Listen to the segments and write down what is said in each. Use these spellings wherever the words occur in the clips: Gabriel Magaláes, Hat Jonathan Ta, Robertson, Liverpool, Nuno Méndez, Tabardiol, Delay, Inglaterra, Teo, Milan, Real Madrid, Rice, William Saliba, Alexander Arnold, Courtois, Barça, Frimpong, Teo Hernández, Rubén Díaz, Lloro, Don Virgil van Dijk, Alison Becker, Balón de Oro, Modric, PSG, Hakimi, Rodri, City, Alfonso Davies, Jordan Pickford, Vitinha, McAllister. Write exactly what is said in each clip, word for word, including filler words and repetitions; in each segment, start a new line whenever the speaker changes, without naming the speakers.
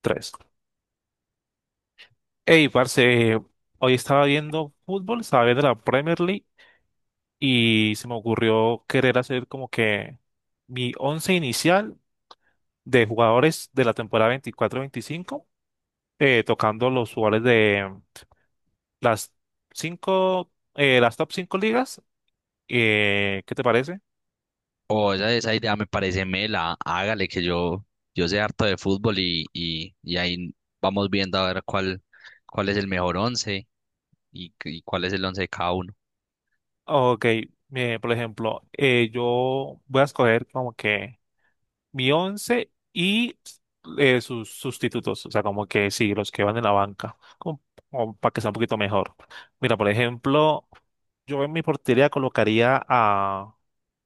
Tres. Ey, parce, hoy estaba viendo fútbol, estaba viendo la Premier League y se me ocurrió querer hacer como que mi once inicial de jugadores de la temporada veinticuatro veinticinco, eh, tocando los jugadores de las cinco, eh, las top cinco ligas. Eh, ¿qué te parece?
O esa, esa idea me parece mela, hágale que yo, yo sé harto de fútbol y, y, y ahí vamos viendo a ver cuál, cuál es el mejor once y, y cuál es el once de cada uno.
Ok. Eh, por ejemplo, eh, yo voy a escoger como que mi once y eh, sus sustitutos, o sea, como que sí, los que van en la banca, como, como para que sea un poquito mejor. Mira, por ejemplo, yo en mi portería colocaría a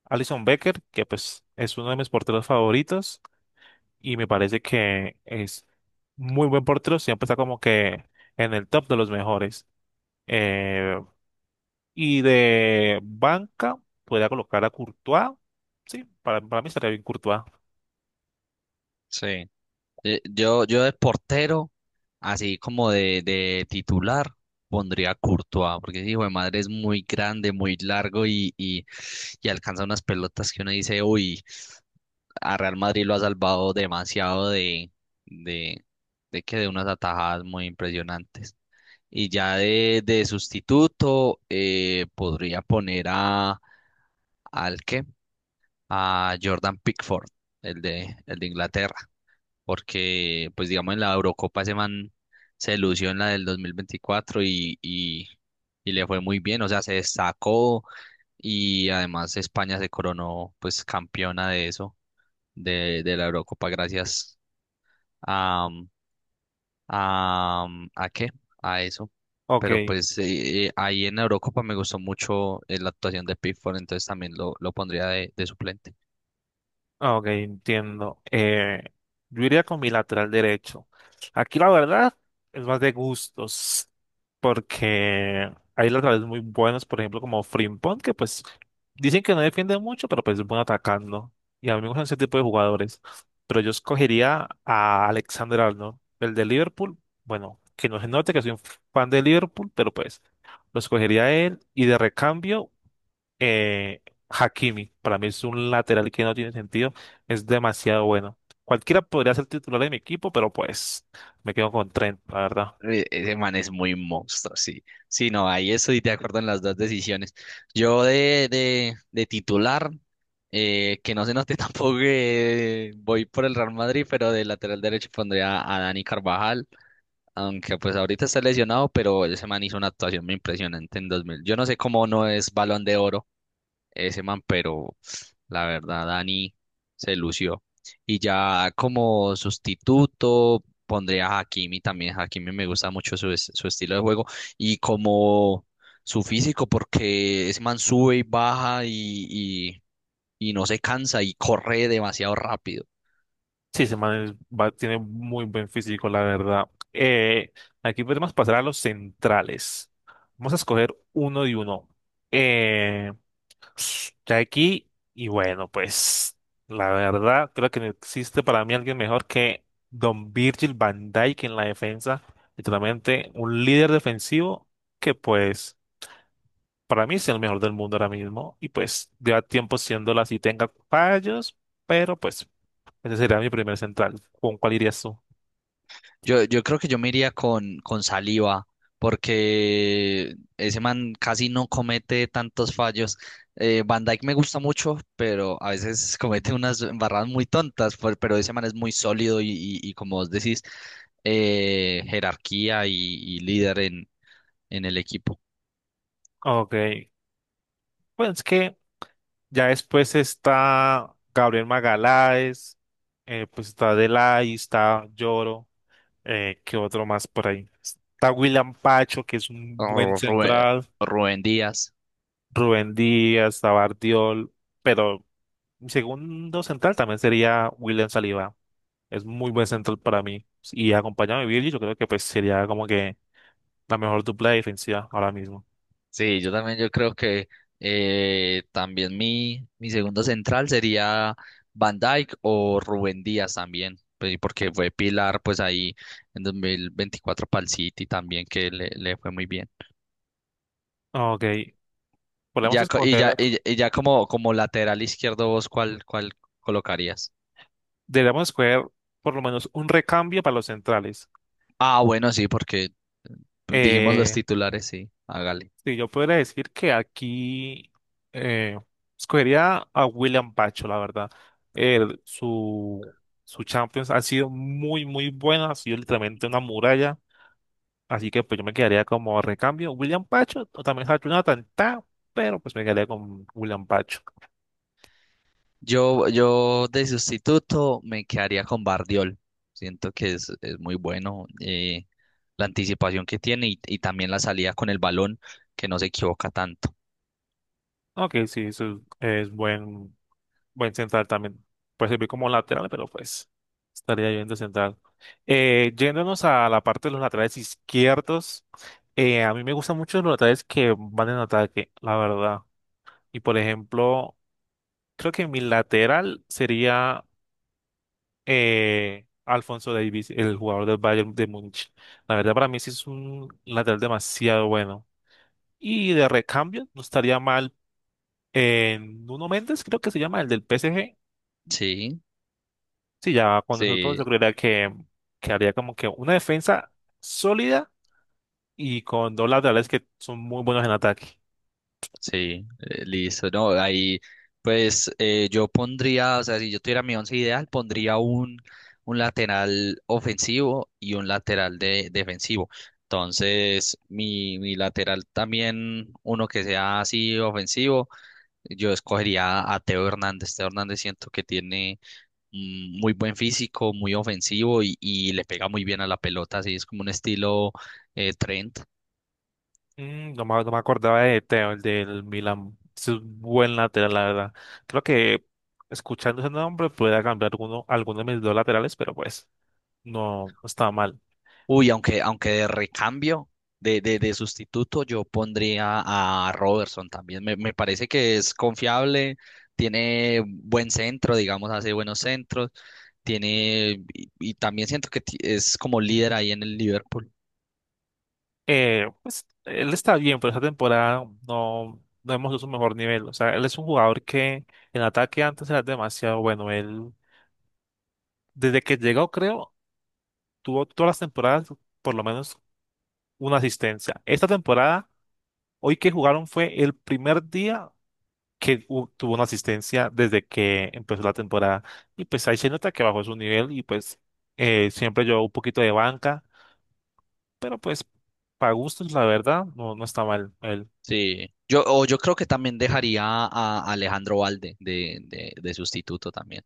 Alison Becker, que pues es uno de mis porteros favoritos y me parece que es muy buen portero, siempre está como que en el top de los mejores. Eh, y de banca, podría colocar a Courtois. Sí, para, para mí estaría bien Courtois.
Sí. Eh, Yo, yo de portero, así como de de titular, pondría Courtois, porque ese hijo de madre es muy grande, muy largo y, y, y alcanza unas pelotas que uno dice, uy, a Real Madrid lo ha salvado demasiado de, de, de que de unas atajadas muy impresionantes. Y ya de de sustituto, eh, podría poner a, ¿al qué? A Jordan Pickford, el de el de Inglaterra, porque pues digamos en la Eurocopa ese man se lució en la del dos mil veinticuatro y, y, y le fue muy bien, o sea, se destacó, y además España se coronó pues campeona de eso, de de la Eurocopa gracias a, a, ¿a qué? A eso.
Ok.
Pero pues eh, eh, ahí en la Eurocopa me gustó mucho eh, la actuación de Pickford, entonces también lo, lo pondría de de suplente.
Ah, ok, entiendo. Eh, yo iría con mi lateral derecho. Aquí la verdad es más de gustos, porque hay laterales muy buenos, por ejemplo, como Frimpong, que pues dicen que no defiende mucho, pero pues es bueno atacando. Y a mí me gustan ese tipo de jugadores. Pero yo escogería a Alexander Arnold, el de Liverpool. Bueno, que no se note que soy un fan de Liverpool, pero pues lo escogería a él. Y de recambio, eh, Hakimi, para mí es un lateral que no tiene sentido, es demasiado bueno. Cualquiera podría ser titular de mi equipo, pero pues me quedo con Trent, la verdad.
E- Ese man es muy monstruo, sí. Sí, no, ahí estoy de acuerdo en las dos decisiones. Yo de de, de titular, eh, que no se note tampoco que voy por el Real Madrid, pero de lateral derecho pondría a Dani Carvajal, aunque pues ahorita está lesionado, pero ese man hizo una actuación muy impresionante en dos mil. Yo no sé cómo no es Balón de Oro ese man, pero la verdad, Dani se lució. Y ya como sustituto pondría a Hakimi también. Hakimi me gusta mucho su, es- su estilo de juego y como su físico, porque ese man sube y baja y, y, y no se cansa y corre demasiado rápido.
Sí, ese man es- va- tiene muy buen físico, la verdad. Eh, Aquí podemos pasar a los centrales. Vamos a escoger uno y uno. Eh, Ya aquí, y bueno, pues la verdad creo que no existe para mí alguien mejor que Don Virgil van Dijk en la defensa, literalmente un líder defensivo que pues para mí es el mejor del mundo ahora mismo y pues lleva tiempo siéndolo así, tenga fallos, pero pues ese sería mi primer central. ¿Con cuál irías tú?
Yo, yo creo que yo me iría con, con Saliba, porque ese man casi no comete tantos fallos. Eh, Van Dijk me gusta mucho, pero a veces comete unas embarradas muy tontas, por- pero ese man es muy sólido y, y- y como vos decís, eh, jerarquía y, y líder en en el equipo.
Ok, pues es que ya después está Gabriel Magaláes, eh, pues está Delay, está Lloro. Eh, ¿qué otro más por ahí? Está William Pacho, que es un buen
Oh, Rubén,
central.
Rubén Díaz.
Rubén Díaz, Tabardiol. Pero mi segundo central también sería William Saliba. Es muy buen central para mí. Y acompañado de Virgil, yo creo que pues sería como que la mejor dupla defensiva ahora mismo.
Sí, yo también yo creo que eh, también mi, mi segundo central sería Van Dijk o Rubén Díaz también, pues, porque fue pilar pues ahí en dos mil veinticuatro para el City también que le, le fue muy bien.
Ok,
Y
podemos
ya, co- y ya,
escoger,
y, y ya como como lateral izquierdo, vos, ¿cuál, ¿cuál colocarías?
deberíamos escoger por lo menos un recambio para los centrales.
Ah, bueno, sí, porque eh, dijimos los
Eh,
titulares, sí, hágale.
Sí, yo podría decir que aquí eh, escogería a William Pacho, la verdad. Él, su, su Champions ha sido muy, muy buena, ha sido literalmente una muralla. Así que pues yo me quedaría como recambio William Pacho o también Hat Jonathan Ta, pero pues me quedaría con William Pacho.
Yo, yo de sustituto me quedaría con Bardiol. Siento que es, es muy bueno, eh, la anticipación que tiene y, y también la salida con el balón, que no se equivoca tanto.
Ok, sí, eso es, es buen, Buen central también. Puede servir como lateral, pero pues estaría bien de central. Eh, yéndonos a la parte de los laterales izquierdos, eh, a mí me gustan mucho los laterales que van en ataque, la verdad. Y por ejemplo, creo que mi lateral sería eh, Alfonso Davies, el jugador del Bayern de Múnich. La verdad, para mí sí es un lateral demasiado bueno. Y de recambio, no estaría mal en Nuno Méndez, creo que se llama, el del P S G.
Sí,
Sí, ya con esos dos
sí,
yo creería que, que haría como que una defensa sólida y con dos laterales que son muy buenos en ataque.
sí, eh, listo. No, ahí pues eh, yo pondría, o sea, si yo tuviera mi once ideal, pondría un, un lateral ofensivo y un lateral de, defensivo. Entonces, mi, mi lateral también, uno que sea así ofensivo. Yo escogería a Teo Hernández. Teo Hernández siento que tiene mm, muy buen físico, muy ofensivo y, y le pega muy bien a la pelota. Así es como un estilo eh, Trent.
Mm, no me, no me acordaba de Teo, el del Milan. Es un buen lateral, la verdad. Creo que escuchando ese nombre pueda cambiar alguno, alguno de mis dos laterales, pero pues no no está mal.
Uy, aunque, aunque de recambio, de, de, de sustituto, yo pondría a Robertson también. Me, me parece que es confiable, tiene buen centro, digamos, hace buenos centros. Tiene, y, y también siento que ti- es como líder ahí en el Liverpool.
Eh, pues él está bien, pero esta temporada no, no hemos visto su mejor nivel. O sea, él es un jugador que en ataque antes era demasiado bueno. Él, desde que llegó, creo, tuvo todas las temporadas por lo menos una asistencia. Esta temporada, hoy que jugaron fue el primer día que hu- tuvo una asistencia desde que empezó la temporada. Y pues ahí se nota que bajó su nivel y pues eh, siempre llevó un poquito de banca, pero pues para gustos, la verdad, no, no está mal él.
Sí, yo, o yo creo que también dejaría a Alejandro Valde de de, de sustituto también.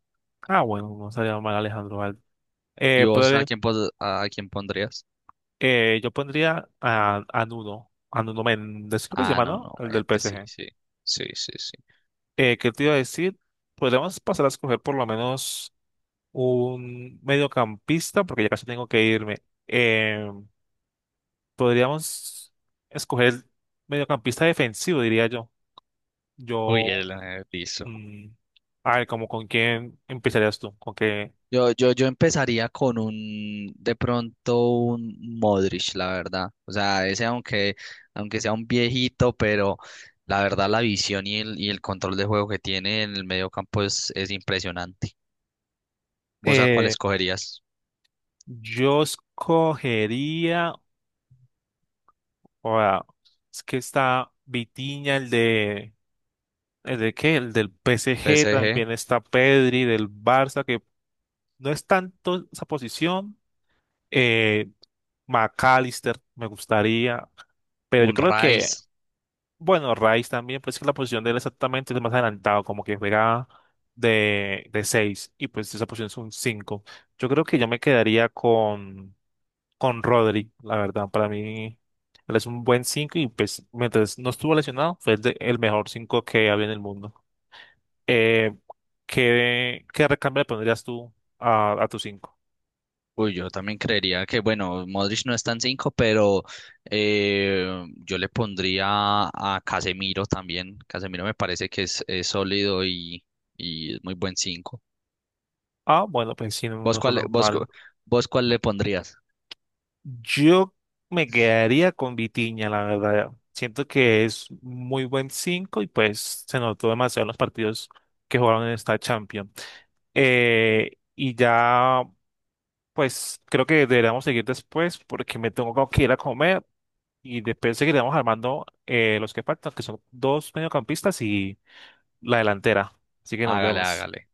Ah, bueno, no estaría mal Alejandro Valde.
¿Y
Eh,
vos a
pero
quién, pos- a quién pondrías?
eh, yo pondría a, a Nuno, a Nuno Méndez, creo que se
Ah,
llama,
no,
¿no?
no,
El
eh,
del P
sí,
PSG.
sí, sí, sí, sí.
Eh, ¿qué te iba a decir? Podríamos pasar a escoger por lo menos un mediocampista, porque ya casi tengo que irme. Eh, Podríamos escoger el mediocampista defensivo, diría yo.
Uy,
Yo,
el eh, listo.
mm, a ver, como con quién empezarías tú, con qué.
Yo, yo, yo empezaría con un, de pronto un Modric, la verdad. O sea, ese aunque, aunque sea un viejito, pero la verdad la visión y el, y el control de juego que tiene en el medio campo es, es impresionante. ¿Vos a cuál
Eh,
escogerías?
yo escogería, ahora, es que está Vitinha, el de, el de qué, el del P S G,
P S G,
también está Pedri del Barça, que no es tanto esa posición. Eh, McAllister, me gustaría. Pero yo
un
creo que,
Rice.
bueno, Rice también, pues que la posición de él exactamente es más adelantado, como que juega de, de seis y pues esa posición es un cinco. Yo creo que yo me quedaría con, con Rodri, la verdad. Para mí, él es un buen cinco y pues mientras no estuvo lesionado, fue el, de- el mejor cinco que había en el mundo. Eh, ¿qué, qué recambio le pondrías tú a, a tu cinco?
Uy, yo también creería que, bueno, Modric no está en cinco, pero eh, yo le pondría a Casemiro también. Casemiro me parece que es, es sólido y, y es muy buen cinco.
Ah, bueno, pues sí, no, no
¿Vos
está
cuál, le-
tan
vos,
mal.
cu- vos cuál le pondrías?
Yo me quedaría con Vitiña, la verdad. Siento que es muy buen cinco y pues se notó demasiado en los partidos que jugaron en esta Champions. Eh, y ya, pues creo que deberíamos seguir después porque me tengo que ir a comer y después seguiremos armando eh, los que faltan, que son dos mediocampistas y la delantera. Así que nos
Hágale,
vemos.
hágale.